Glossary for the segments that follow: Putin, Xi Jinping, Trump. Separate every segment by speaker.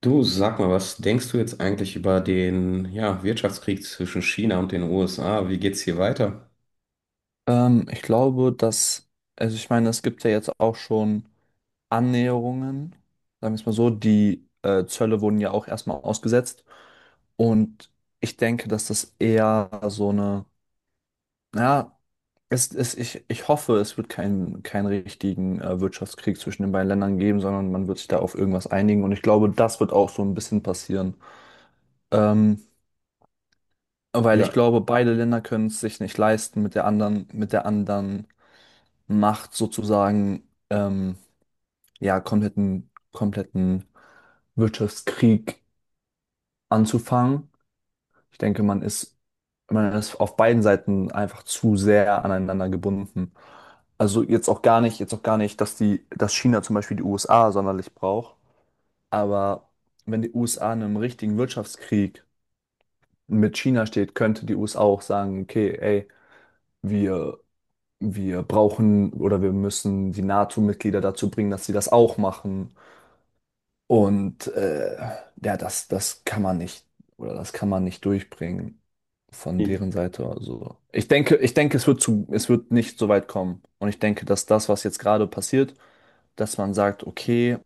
Speaker 1: Du, sag mal, was denkst du jetzt eigentlich über den Wirtschaftskrieg zwischen China und den USA? Wie geht's hier weiter?
Speaker 2: Ich glaube, dass, also ich meine, es gibt ja jetzt auch schon Annäherungen, sagen wir es mal so, die Zölle wurden ja auch erstmal ausgesetzt. Und ich denke, dass das eher so eine, ja, es, ich hoffe, es wird keinen richtigen Wirtschaftskrieg zwischen den beiden Ländern geben, sondern man wird sich da auf irgendwas einigen. Und ich glaube, das wird auch so ein bisschen passieren. Ähm, Weil ich
Speaker 1: Ja,
Speaker 2: glaube, beide Länder können es sich nicht leisten, mit der anderen Macht sozusagen ja kompletten Wirtschaftskrieg anzufangen. Ich denke, man ist auf beiden Seiten einfach zu sehr aneinander gebunden. Also jetzt auch gar nicht, dass China zum Beispiel die USA sonderlich braucht. Aber wenn die USA in einem richtigen Wirtschaftskrieg mit China steht, könnte die USA auch sagen, okay, ey, wir, wir brauchen oder wir müssen die NATO-Mitglieder dazu bringen, dass sie das auch machen. Und ja, das kann man nicht, oder das kann man nicht durchbringen von
Speaker 1: hm.
Speaker 2: deren Seite. Also ich denke, es wird zu, es wird nicht so weit kommen. Und ich denke, dass das, was jetzt gerade passiert, dass man sagt, okay,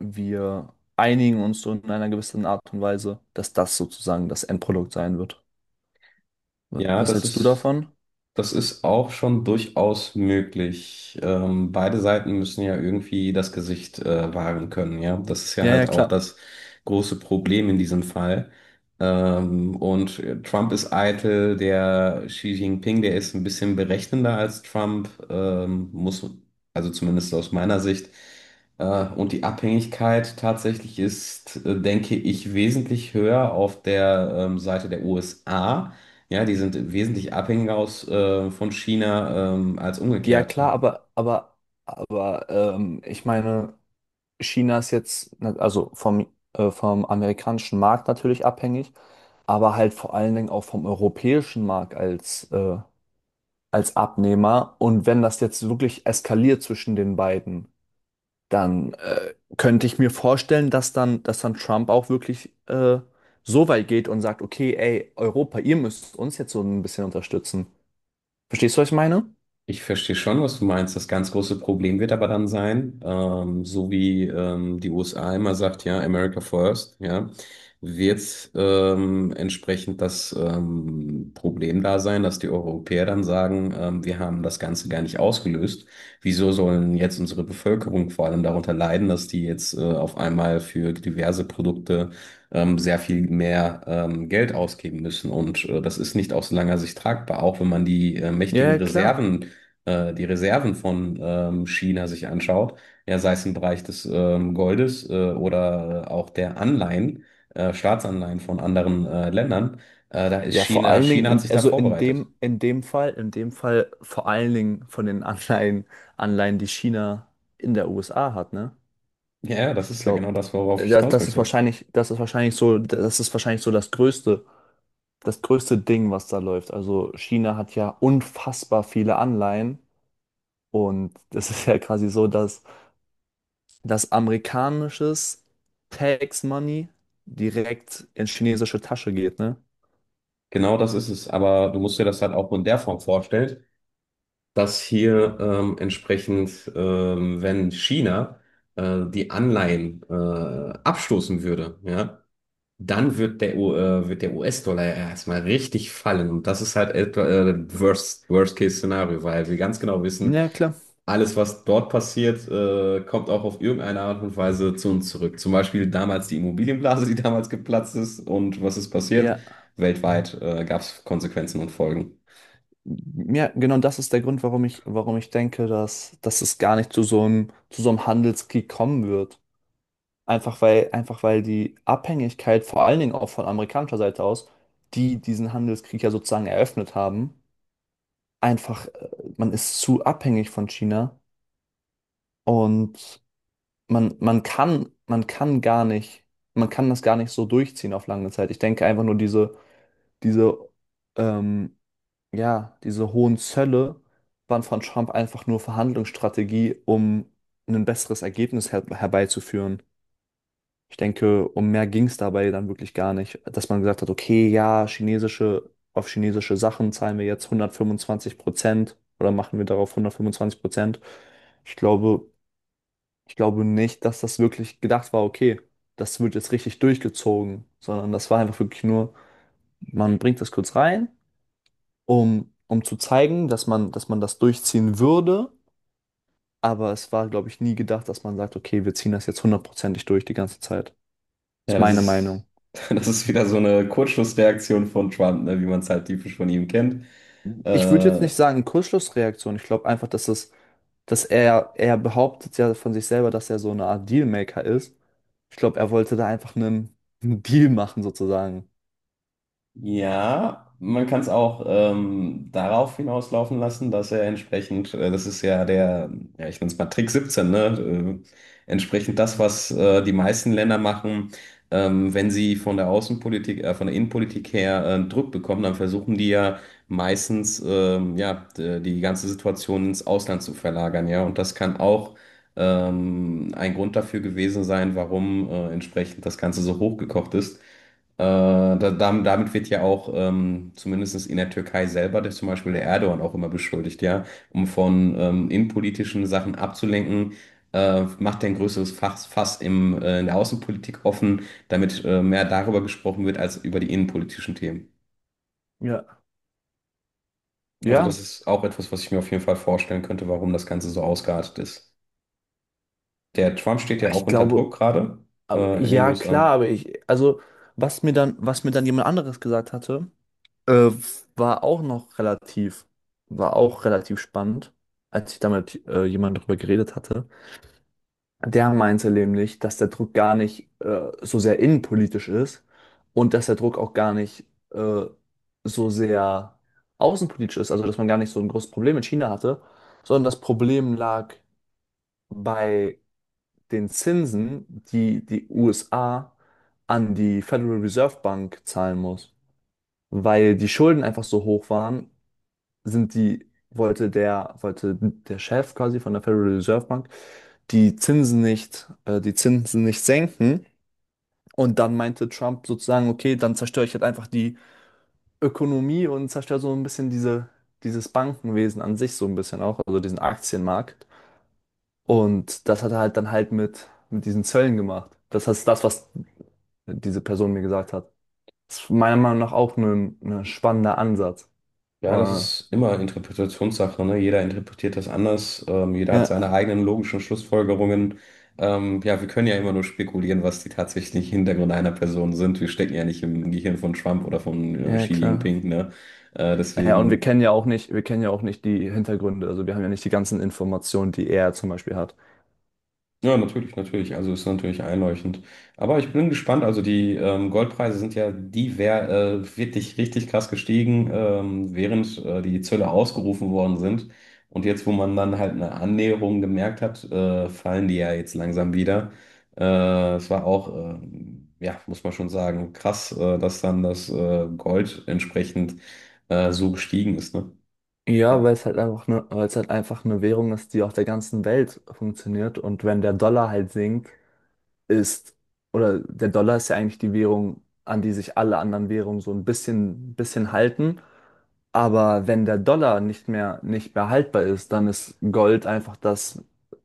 Speaker 2: wir einigen uns so in einer gewissen Art und Weise, dass das sozusagen das Endprodukt sein wird.
Speaker 1: Ja,
Speaker 2: Was
Speaker 1: das
Speaker 2: hältst du
Speaker 1: ist
Speaker 2: davon?
Speaker 1: Das ist auch schon durchaus möglich. Beide Seiten müssen ja irgendwie das Gesicht wahren können, ja. Das ist ja
Speaker 2: Ja, ja,
Speaker 1: halt auch
Speaker 2: klar.
Speaker 1: das große Problem in diesem Fall. Trump ist eitel, der Xi Jinping, der ist ein bisschen berechnender als Trump, also zumindest aus meiner Sicht. Und die Abhängigkeit tatsächlich ist, denke ich, wesentlich höher auf der Seite der USA, ja, die sind wesentlich abhängiger von China, als
Speaker 2: Ja,
Speaker 1: umgekehrt.
Speaker 2: klar, aber ich meine. China ist jetzt, ne, vom amerikanischen Markt natürlich abhängig, aber halt vor allen Dingen auch vom europäischen Markt als, als Abnehmer. Und wenn das jetzt wirklich eskaliert zwischen den beiden, dann könnte ich mir vorstellen, dass dann Trump auch wirklich so weit geht und sagt, okay, ey, Europa, ihr müsst uns jetzt so ein bisschen unterstützen. Verstehst du, was ich meine?
Speaker 1: Ich verstehe schon, was du meinst. Das ganz große Problem wird aber dann sein, so wie die USA immer sagt, ja, America first, ja, wird entsprechend das Problem da sein, dass die Europäer dann sagen, wir haben das Ganze gar nicht ausgelöst. Wieso sollen jetzt unsere Bevölkerung vor allem darunter leiden, dass die jetzt auf einmal für diverse Produkte sehr viel mehr Geld ausgeben müssen? Das ist nicht aus langer Sicht tragbar, auch wenn man die mächtigen
Speaker 2: Ja, ja, klar.
Speaker 1: Reserven äh, die Reserven von China sich anschaut, ja, sei es im Bereich des Goldes oder auch der Anleihen, Staatsanleihen von anderen Ländern.
Speaker 2: Ja, vor allen Dingen,
Speaker 1: China hat sich da vorbereitet.
Speaker 2: in dem Fall vor allen Dingen von den Anleihen, die China in der USA hat, ne?
Speaker 1: Ja, ja, das
Speaker 2: Ich
Speaker 1: ist ja genau
Speaker 2: glaube,
Speaker 1: das, worauf ich hinaus möchte.
Speaker 2: das ist wahrscheinlich so das größte Ding, was da läuft. Also China hat ja unfassbar viele Anleihen und das ist ja quasi so, dass amerikanisches Tax Money direkt in chinesische Tasche geht, ne?
Speaker 1: Genau das ist es. Aber du musst dir das halt auch in der Form vorstellen, dass hier wenn China die Anleihen abstoßen würde, ja, dann wird der US-Dollar ja erstmal richtig fallen. Und das ist halt etwa Worst-Case-Szenario, weil wir ganz genau wissen,
Speaker 2: Ja, klar.
Speaker 1: alles, was dort passiert, kommt auch auf irgendeine Art und Weise zu uns zurück. Zum Beispiel damals die Immobilienblase, die damals geplatzt ist. Und was ist passiert?
Speaker 2: Ja,
Speaker 1: Weltweit gab es Konsequenzen und Folgen.
Speaker 2: ja, genau, das ist der Grund, warum ich denke, dass es gar nicht zu zu so einem Handelskrieg kommen wird. Einfach weil die Abhängigkeit, vor allen Dingen auch von amerikanischer Seite aus, die diesen Handelskrieg ja sozusagen eröffnet haben, einfach, man ist zu abhängig von China und man kann gar nicht, man kann das gar nicht so durchziehen auf lange Zeit. Ich denke einfach nur diese, ähm, ja, diese hohen Zölle waren von Trump einfach nur Verhandlungsstrategie, um ein besseres Ergebnis herbeizuführen. Ich denke, um mehr ging es dabei dann wirklich gar nicht, dass man gesagt hat, okay, ja, auf chinesische Sachen zahlen wir jetzt 125% oder machen wir darauf 125%. Ich glaube, ich glaube nicht, dass das wirklich gedacht war, okay, das wird jetzt richtig durchgezogen, sondern das war einfach wirklich nur, man bringt das kurz rein um, um zu zeigen, dass man das durchziehen würde. Aber es war, glaube ich, nie gedacht, dass man sagt, okay, wir ziehen das jetzt hundertprozentig durch die ganze Zeit. Ist
Speaker 1: Ja, das
Speaker 2: meine
Speaker 1: ist.
Speaker 2: Meinung.
Speaker 1: Das ist wieder so eine Kurzschlussreaktion von Trump, ne, wie man es halt typisch von ihm kennt.
Speaker 2: Ich würde jetzt
Speaker 1: Äh,
Speaker 2: nicht sagen, Kurzschlussreaktion. Ich glaube einfach, er behauptet ja von sich selber, dass er so eine Art Dealmaker ist. Ich glaube, er wollte da einen Deal machen, sozusagen.
Speaker 1: Ja, man kann es auch darauf hinauslaufen lassen, dass er entsprechend, das ist ja der, ja, ich nenne es mal Trick 17, ne? Entsprechend das, was die meisten Länder machen, wenn sie von der Außenpolitik, von der Innenpolitik her Druck bekommen, dann versuchen die ja meistens, die ganze Situation ins Ausland zu verlagern, ja. Und das kann auch ein Grund dafür gewesen sein, warum entsprechend das Ganze so hochgekocht ist. Damit wird ja auch zumindest in der Türkei selber zum Beispiel der Erdogan auch immer beschuldigt, ja, um von innenpolitischen Sachen abzulenken, macht er ein größeres Fass im, in der Außenpolitik offen, damit mehr darüber gesprochen wird als über die innenpolitischen Themen.
Speaker 2: Ja.
Speaker 1: Also das
Speaker 2: Ja,
Speaker 1: ist auch etwas, was ich mir auf jeden Fall vorstellen könnte, warum das Ganze so ausgeartet ist. Der Trump steht ja auch
Speaker 2: ich
Speaker 1: unter
Speaker 2: glaube,
Speaker 1: Druck gerade
Speaker 2: aber
Speaker 1: in den
Speaker 2: ja,
Speaker 1: USA.
Speaker 2: klar, aber ich, also, was mir dann jemand anderes gesagt hatte, Äh, war auch noch relativ, war auch relativ spannend, als ich da mit jemandem drüber geredet hatte. Der meinte nämlich, dass der Druck gar nicht so sehr innenpolitisch ist und dass der Druck auch gar nicht äh, so sehr außenpolitisch ist, also dass man gar nicht so ein großes Problem mit China hatte, sondern das Problem lag bei den Zinsen, die die USA an die Federal Reserve Bank zahlen muss, weil die Schulden einfach so hoch waren sind die, wollte der Chef quasi von der Federal Reserve Bank die Zinsen nicht, die Zinsen nicht senken. Und dann meinte Trump sozusagen, okay, dann zerstöre ich halt einfach die Ökonomie und zerstöre so ein bisschen dieses Bankenwesen an sich so ein bisschen auch, also diesen Aktienmarkt. Und das hat er halt mit diesen Zöllen gemacht. Das heißt, das, was diese Person mir gesagt hat. Das ist meiner Meinung nach auch ein spannender Ansatz.
Speaker 1: Ja, das
Speaker 2: Wow.
Speaker 1: ist immer Interpretationssache, ne? Jeder interpretiert das anders, jeder hat
Speaker 2: Ja,
Speaker 1: seine eigenen logischen Schlussfolgerungen. Ja, wir können ja immer nur spekulieren, was die tatsächlichen Hintergründe einer Person sind. Wir stecken ja nicht im Gehirn von Trump oder von
Speaker 2: ja,
Speaker 1: Xi
Speaker 2: klar.
Speaker 1: Jinping, ne? Äh,
Speaker 2: Ja, und
Speaker 1: deswegen
Speaker 2: wir kennen ja auch nicht die Hintergründe. Also wir haben ja nicht die ganzen Informationen, die er zum Beispiel hat.
Speaker 1: Ja, natürlich, natürlich. Also ist natürlich einleuchtend. Aber ich bin gespannt. Also die Goldpreise sind ja wirklich richtig krass gestiegen, während die Zölle ausgerufen worden sind. Und jetzt, wo man dann halt eine Annäherung gemerkt hat, fallen die ja jetzt langsam wieder. Es war auch, ja, muss man schon sagen, krass, dass dann das Gold entsprechend so gestiegen ist, ne?
Speaker 2: Ja, weil es halt einfach eine Währung ist, die auf der ganzen Welt funktioniert. Und wenn der Dollar halt sinkt, ist, oder der Dollar ist ja eigentlich die Währung, an die sich alle anderen Währungen so ein bisschen halten. Aber wenn der Dollar nicht mehr haltbar ist, dann ist Gold einfach das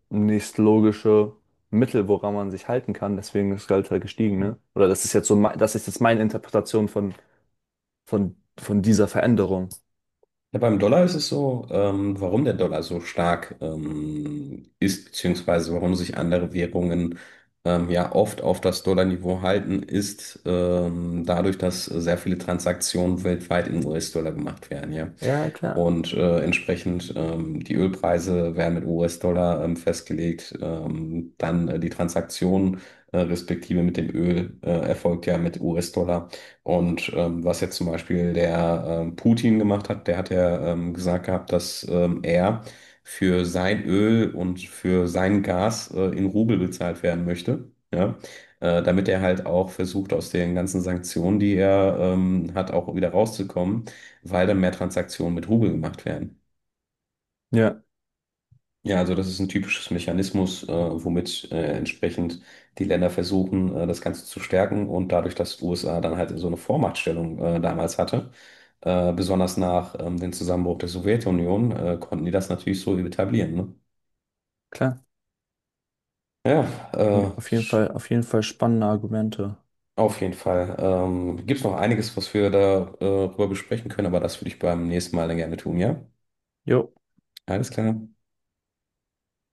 Speaker 2: nächstlogische Mittel, woran man sich halten kann. Deswegen ist Gold halt gestiegen, ne? Oder das ist jetzt so, das ist jetzt meine Interpretation von dieser Veränderung.
Speaker 1: Ja, beim Dollar ist es so, warum der Dollar so stark ist, beziehungsweise warum sich andere Währungen ja oft auf das Dollarniveau halten, ist dadurch, dass sehr viele Transaktionen weltweit in US-Dollar gemacht werden, ja.
Speaker 2: Ja, klar.
Speaker 1: Entsprechend die Ölpreise werden mit US-Dollar festgelegt, dann die Transaktion respektive mit dem Öl erfolgt ja mit US-Dollar. Und was jetzt zum Beispiel der Putin gemacht hat, der hat ja gesagt gehabt, dass er für sein Öl und für sein Gas in Rubel bezahlt werden möchte, ja, damit er halt auch versucht, aus den ganzen Sanktionen, die er hat, auch wieder rauszukommen, weil dann mehr Transaktionen mit Rubel gemacht werden.
Speaker 2: Ja,
Speaker 1: Ja, also das ist ein typisches Mechanismus, womit entsprechend die Länder versuchen, das Ganze zu stärken. Und dadurch, dass die USA dann halt so eine Vormachtstellung damals hatte, besonders nach dem Zusammenbruch der Sowjetunion, konnten die das natürlich so etablieren. Ne?
Speaker 2: klar.
Speaker 1: Ja, äh, sch-
Speaker 2: Auf jeden Fall spannende Argumente.
Speaker 1: auf jeden Fall. Gibt es noch einiges, was wir darüber drüber besprechen können, aber das würde ich beim nächsten Mal dann gerne tun, ja?
Speaker 2: Jo.
Speaker 1: Alles klar.